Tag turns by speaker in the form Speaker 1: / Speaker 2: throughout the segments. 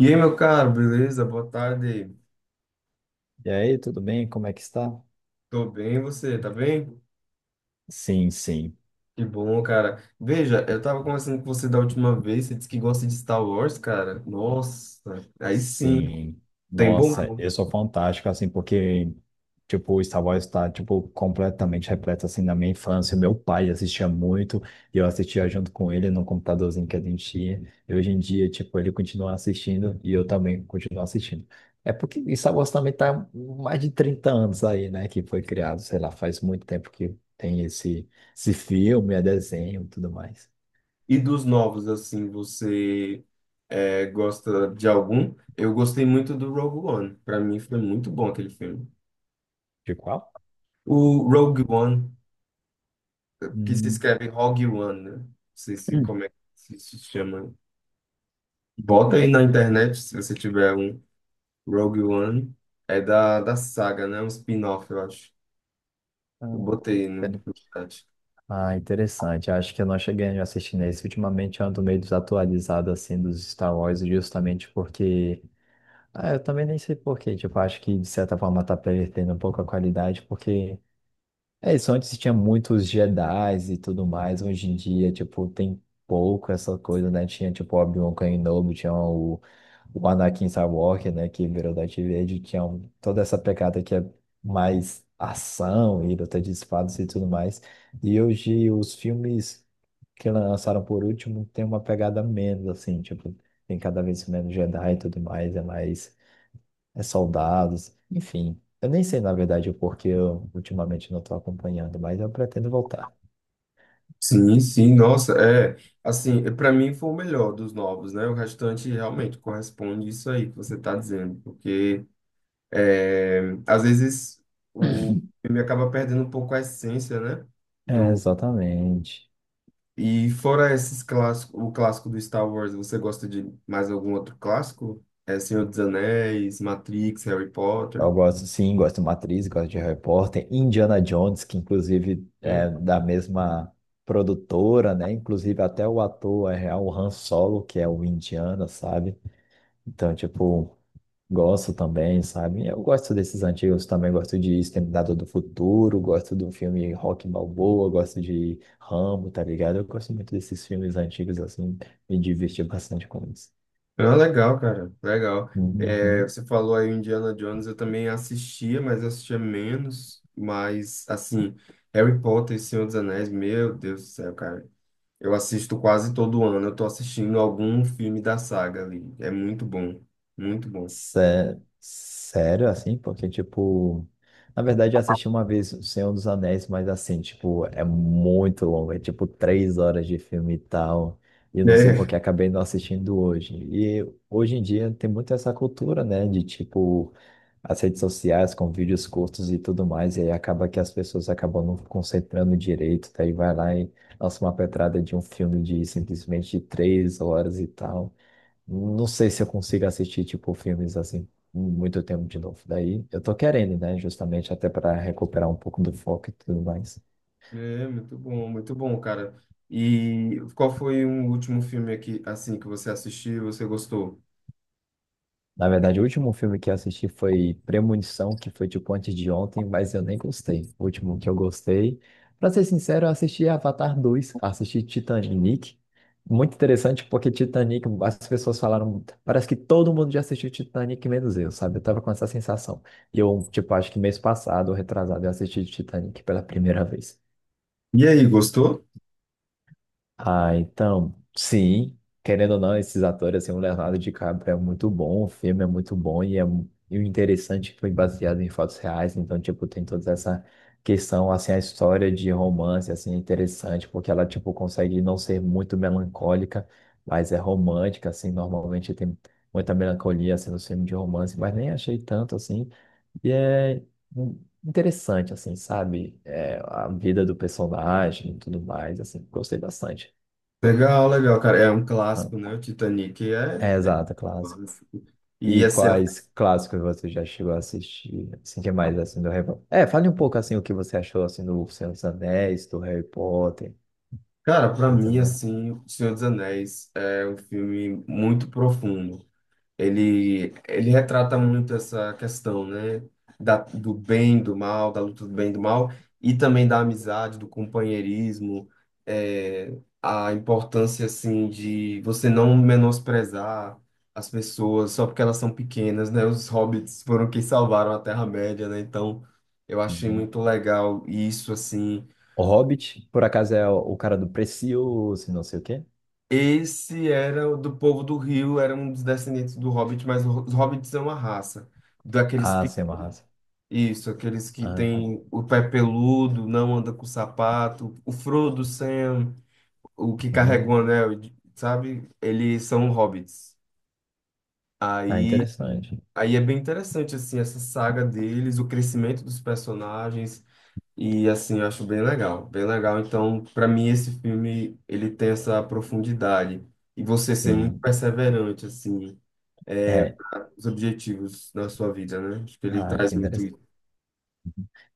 Speaker 1: E aí, meu caro, beleza? Boa tarde.
Speaker 2: E aí, tudo bem? Como é que está?
Speaker 1: Tô bem, você, tá bem?
Speaker 2: Sim, sim,
Speaker 1: Que bom, cara. Veja, eu tava conversando com você da última vez, você disse que gosta de Star Wars, cara. Nossa, aí sim,
Speaker 2: sim.
Speaker 1: tem bom.
Speaker 2: Nossa, eu
Speaker 1: Gosto.
Speaker 2: sou fantástico, assim, porque, tipo, o Star Wars está, tipo, completamente repleto, assim, na minha infância. Meu pai assistia muito, e eu assistia junto com ele no computadorzinho que a gente tinha. E hoje em dia, tipo, ele continua assistindo, e eu também continuo assistindo. É porque Star Wars também tá mais de 30 anos aí, né, que foi criado, sei lá, faz muito tempo que tem esse filme, é desenho e tudo mais.
Speaker 1: E dos novos, assim, você gosta de algum? Eu gostei muito do Rogue One. Pra mim foi muito bom aquele filme.
Speaker 2: De qual?
Speaker 1: O Rogue One, que se
Speaker 2: Hum.
Speaker 1: escreve Rogue One, né? Não sei se como é que se chama. Bota aí na internet se você tiver um. Rogue One é da saga, né? Um spin-off, eu acho.
Speaker 2: Ah,
Speaker 1: Eu botei no,
Speaker 2: inter-
Speaker 1: no chat.
Speaker 2: ah, interessante. Acho que eu não cheguei a assistir nesse. Ultimamente eu ando meio desatualizado assim dos Star Wars, justamente porque. Ah, eu também nem sei por quê. Tipo, acho que de certa forma tá perdendo um pouco a qualidade, porque. É isso, antes tinha muitos Jedi's e tudo mais. Hoje em dia, tipo, tem pouco essa coisa, né? Tinha, tipo, Obi-Wan Kenobi, tinha o Anakin Skywalker, né, que virou Darth Vader, tinha um- toda essa pegada que é mais ação e luta de espadas e tudo mais. E hoje os filmes que lançaram por último tem uma pegada menos, assim, tipo, tem cada vez menos Jedi e tudo mais é soldados, enfim. Eu nem sei, na verdade, o porquê eu ultimamente não estou acompanhando, mas eu pretendo voltar.
Speaker 1: Sim, sim, nossa, é. Assim, para mim foi o melhor dos novos, né? O restante realmente corresponde isso aí que você tá dizendo, porque é, às vezes o filme acaba perdendo um pouco a essência, né?
Speaker 2: É,
Speaker 1: Do,
Speaker 2: exatamente.
Speaker 1: e fora esses clássicos, o clássico do Star Wars, você gosta de mais algum outro clássico? É Senhor dos Anéis, Matrix, Harry Potter?
Speaker 2: Eu gosto, sim, gosto de Matrix, gosto de Harry Potter, Indiana Jones, que inclusive
Speaker 1: Né?
Speaker 2: é da mesma produtora, né? Inclusive até o ator é real, o Han Solo, que é o Indiana, sabe? Então, tipo, gosto também, sabe? Eu gosto desses antigos também, gosto de Exterminador do Futuro, gosto do filme Rock Balboa, gosto de Rambo, tá ligado? Eu gosto muito desses filmes antigos, assim, me diverti bastante com isso.
Speaker 1: Ah, legal, cara, legal. É,
Speaker 2: Uhum.
Speaker 1: você falou aí o Indiana Jones, eu também assistia, mas eu assistia menos. Mas, assim, Harry Potter e Senhor dos Anéis, meu Deus do céu, cara. Eu assisto quase todo ano, eu tô assistindo algum filme da saga ali. É muito bom, muito bom.
Speaker 2: Sério, assim, porque, tipo, na verdade eu assisti uma vez O Senhor dos Anéis, mas assim, tipo, é muito longo, é tipo 3 horas de filme e tal, e eu não sei
Speaker 1: É,
Speaker 2: porque acabei não assistindo hoje. E hoje em dia tem muito essa cultura, né, de tipo, as redes sociais com vídeos curtos e tudo mais, e aí acaba que as pessoas acabam não concentrando direito, daí vai lá e lança uma pedrada de um filme de simplesmente 3 horas e tal. Não sei se eu consigo assistir, tipo, filmes assim, muito tempo de novo. Daí eu tô querendo, né? Justamente até para recuperar um pouco do foco e tudo mais.
Speaker 1: é muito bom, cara. E qual foi o último filme aqui, assim, que você assistiu e você gostou?
Speaker 2: Na verdade, o último filme que eu assisti foi Premonição, que foi tipo antes de ontem, mas eu nem gostei. O último que eu gostei, pra ser sincero, eu assisti Avatar dois, assisti Titanic. Muito interessante porque Titanic, as pessoas falaram, parece que todo mundo já assistiu Titanic, menos eu, sabe? Eu tava com essa sensação. E eu, tipo, acho que mês passado, ou retrasado, eu assisti Titanic pela primeira vez.
Speaker 1: E aí, gostou?
Speaker 2: Ah, então, sim, querendo ou não, esses atores, assim, o Leonardo DiCaprio é muito bom, o filme é muito bom e, é, mu- e o interessante é que foi baseado em fatos reais, então, tipo, tem toda essa questão, assim, a história de romance, assim, é interessante, porque ela, tipo, consegue não ser muito melancólica, mas é romântica, assim, normalmente tem muita melancolia, assim, nos filmes de romance, mas nem achei tanto, assim, e é interessante, assim, sabe? É, a vida do personagem e tudo mais, assim, gostei bastante.
Speaker 1: Legal, legal, cara. É um
Speaker 2: Ah,
Speaker 1: clássico, né? O Titanic é.
Speaker 2: é, exato, clássico.
Speaker 1: E
Speaker 2: E
Speaker 1: assim, a-
Speaker 2: quais clássicos você já chegou a assistir? Assim, que mais, assim, do Harry Potter? É, fale um pouco, assim, o que você achou, assim, do Senhor dos Anéis, do Harry Potter
Speaker 1: cara, pra
Speaker 2: e
Speaker 1: mim
Speaker 2: também.
Speaker 1: assim, O Senhor dos Anéis é um filme muito profundo. Ele retrata muito essa questão, né, da, do bem, do mal, da luta do bem e do mal e também da amizade, do companheirismo, é, a importância assim de você não menosprezar as pessoas só porque elas são pequenas, né? Os hobbits foram quem salvaram a Terra-média, né? Então, eu achei
Speaker 2: Uhum.
Speaker 1: muito legal isso assim.
Speaker 2: O Hobbit, por acaso, é o cara do Precioso, não sei o quê?
Speaker 1: Esse era o do povo do Rio, era um dos descendentes do Hobbit, mas o- os Hobbits são uma raça. Daqueles,
Speaker 2: Ah,
Speaker 1: pe-
Speaker 2: sim, é uma raça.
Speaker 1: isso, aqueles que
Speaker 2: Ah, sim.
Speaker 1: têm o pé peludo, não anda com sapato, o Frodo, Sam, o que carrega o
Speaker 2: Uhum.
Speaker 1: anel, sabe? Eles são Hobbits.
Speaker 2: Ah,
Speaker 1: Aí,
Speaker 2: interessante.
Speaker 1: aí é bem interessante, assim, essa saga deles, o crescimento dos personagens. E assim, eu acho bem legal, bem legal. Então, para mim esse filme, ele tem essa profundidade e você ser muito
Speaker 2: Sim.
Speaker 1: perseverante assim,
Speaker 2: É.
Speaker 1: os objetivos na sua vida, né? Acho que ele
Speaker 2: Ah,
Speaker 1: traz
Speaker 2: que.
Speaker 1: muito.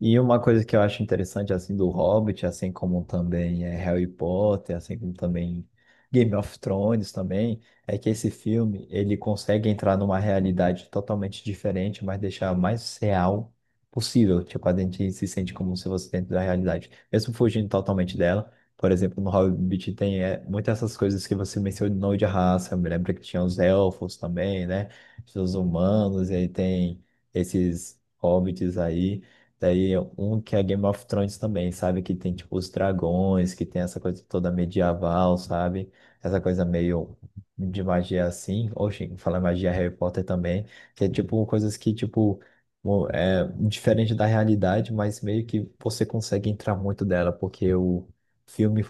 Speaker 2: E uma coisa que eu acho interessante, assim, do Hobbit, assim como também é Harry Potter, assim como também Game of Thrones também, é que esse filme, ele consegue entrar numa realidade totalmente diferente, mas deixar mais real possível. Tipo, a gente se sente como se fosse dentro da realidade, mesmo fugindo totalmente dela. Por exemplo, no Hobbit tem muitas essas coisas que você mencionou de raça. Eu me lembro que tinha os elfos também, né? Os humanos, e aí tem esses hobbits aí. Daí um que é Game of Thrones também, sabe? Que tem tipo os dragões, que tem essa coisa toda medieval, sabe? Essa coisa meio de magia assim. Oxe, fala magia Harry Potter também, que é tipo coisas que tipo mo- é diferente da realidade, mas meio que você consegue entrar muito dela, porque o filme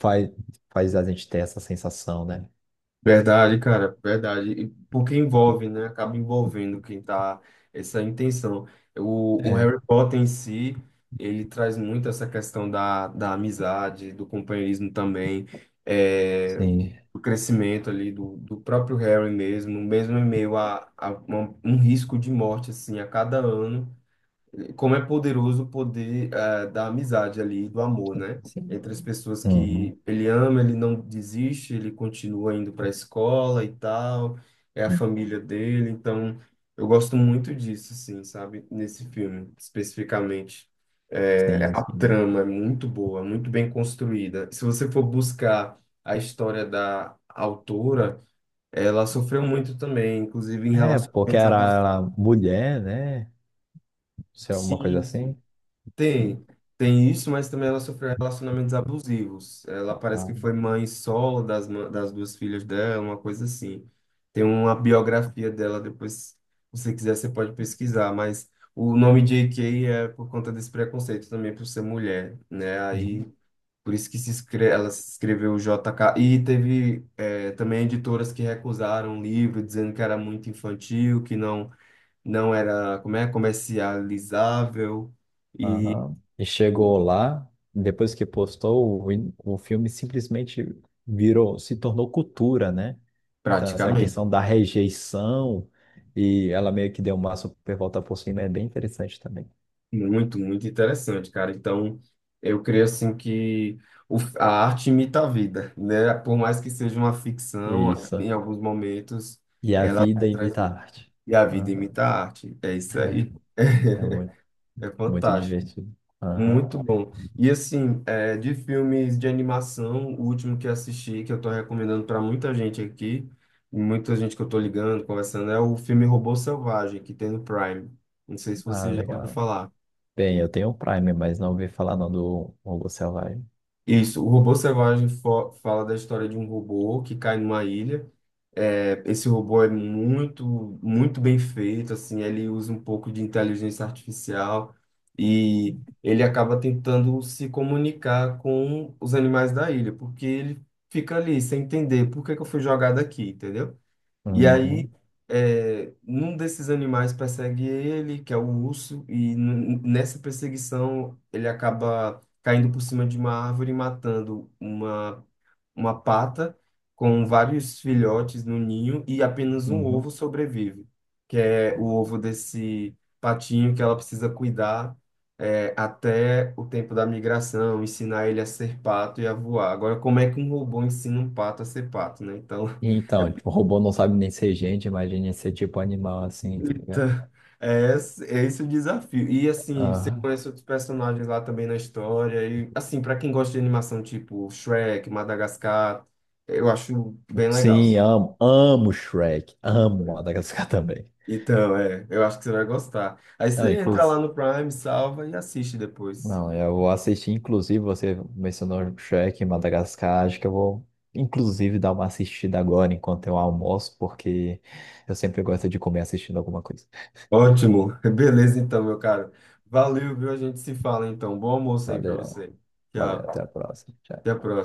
Speaker 2: faz, faz a gente ter essa sensação, né?
Speaker 1: Verdade, cara, verdade. E porque envolve, né? Acaba envolvendo quem tá essa intenção. O
Speaker 2: É,
Speaker 1: Harry Potter em si, ele traz muito essa questão da amizade, do companheirismo também, é,
Speaker 2: sim.
Speaker 1: do crescimento ali do, do próprio Harry mesmo, mesmo em meio a uma- um risco de morte, assim, a cada ano como é poderoso o poder da amizade ali, do amor, né?
Speaker 2: Sim.
Speaker 1: Entre as pessoas
Speaker 2: Uhum.
Speaker 1: que ele ama, ele não desiste, ele continua indo para a escola e tal, é a família dele, então eu gosto muito disso, assim, sabe? Nesse filme, especificamente. Eh,
Speaker 2: Sim,
Speaker 1: a
Speaker 2: sim.
Speaker 1: trama é muito boa, muito bem construída. Se você for buscar a história da autora, ela sofreu muito também, inclusive em
Speaker 2: É, porque era
Speaker 1: relacionamentos
Speaker 2: ela mulher, né? Se é alguma coisa
Speaker 1: abusivos.
Speaker 2: assim?
Speaker 1: Tem, tem isso, mas também ela sofreu relacionamentos abusivos. Ela parece que foi
Speaker 2: Ah,
Speaker 1: mãe solo das, ma- das duas filhas dela, uma coisa assim. Tem uma biografia dela, depois, se você quiser, você pode pesquisar, mas o nome J.K. é por conta desse preconceito também por ser mulher, né? Aí,
Speaker 2: uhum.
Speaker 1: por isso que se escre ela se escreveu JK. E teve também editoras que recusaram o livro, dizendo que era muito infantil, que não, não era, como é, comercializável. E
Speaker 2: Aham. E chegou lá, depois que postou, o, in- o filme simplesmente virou, se tornou cultura, né? Então, essa
Speaker 1: praticamente.
Speaker 2: questão da rejeição, e ela meio que deu uma super volta por cima, é bem interessante também.
Speaker 1: Muito, muito interessante, cara. Então, eu creio assim que o- a arte imita a vida, né? Por mais que seja uma ficção,
Speaker 2: Isso.
Speaker 1: em alguns momentos
Speaker 2: E a
Speaker 1: ela
Speaker 2: vida imita a
Speaker 1: transmite.
Speaker 2: arte.
Speaker 1: E a vida
Speaker 2: Aham.
Speaker 1: imita a arte. É isso aí.
Speaker 2: É, é muito.
Speaker 1: É
Speaker 2: Muito
Speaker 1: fantástico.
Speaker 2: divertido. Aham.
Speaker 1: Muito bom. E assim, é, de filmes de animação, o último que assisti, que eu tô recomendando para muita gente aqui, muita gente que eu tô ligando, conversando, é o filme Robô Selvagem, que tem no Prime. Não sei se
Speaker 2: Ah,
Speaker 1: você já ouviu
Speaker 2: legal.
Speaker 1: falar.
Speaker 2: Bem, eu tenho o Prime, mas não ouvi falar não do Robô Selvagem.
Speaker 1: Isso, o robô selvagem fo- fala da história de um robô que cai numa ilha. É, esse robô é muito, muito bem feito, assim, ele usa um pouco de inteligência artificial e ele acaba tentando se comunicar com os animais da ilha, porque ele fica ali sem entender por que que eu fui jogado aqui, entendeu? E aí,
Speaker 2: Uhum,
Speaker 1: é, um desses animais persegue ele, que é o urso, e n- nessa perseguição ele acaba caindo por cima de uma árvore e matando uma pata com vários filhotes no ninho e apenas um ovo
Speaker 2: uhum.
Speaker 1: sobrevive, que é o ovo desse patinho que ela precisa cuidar. É, até o tempo da migração, ensinar ele a ser pato e a voar. Agora, como é que um robô ensina um pato a ser pato, né? Então,
Speaker 2: Então, tipo, o robô não sabe nem ser gente, imagine ser tipo animal assim, tá ligado?
Speaker 1: eita, é esse o desafio. E assim, você
Speaker 2: Aham.
Speaker 1: conhece outros personagens lá também na história. E assim, pra quem gosta de animação tipo Shrek, Madagascar, eu acho bem legal.
Speaker 2: Sim, amo Shrek, amo Madagascar também.
Speaker 1: Então, é, eu acho que você vai gostar. Aí
Speaker 2: Não,
Speaker 1: você entra lá
Speaker 2: inclusive,
Speaker 1: no Prime, salva e assiste depois.
Speaker 2: Não, eu vou assistir, inclusive, você mencionou Shrek em Madagascar, acho que eu vou, inclusive, dar uma assistida agora enquanto eu almoço, porque eu sempre gosto de comer assistindo alguma coisa.
Speaker 1: Ótimo, beleza então, meu caro. Valeu, viu? A gente se fala então. Bom almoço aí pra
Speaker 2: Valeu,
Speaker 1: você.
Speaker 2: valeu, até
Speaker 1: Tchau,
Speaker 2: a próxima.
Speaker 1: até
Speaker 2: Tchau.
Speaker 1: a próxima.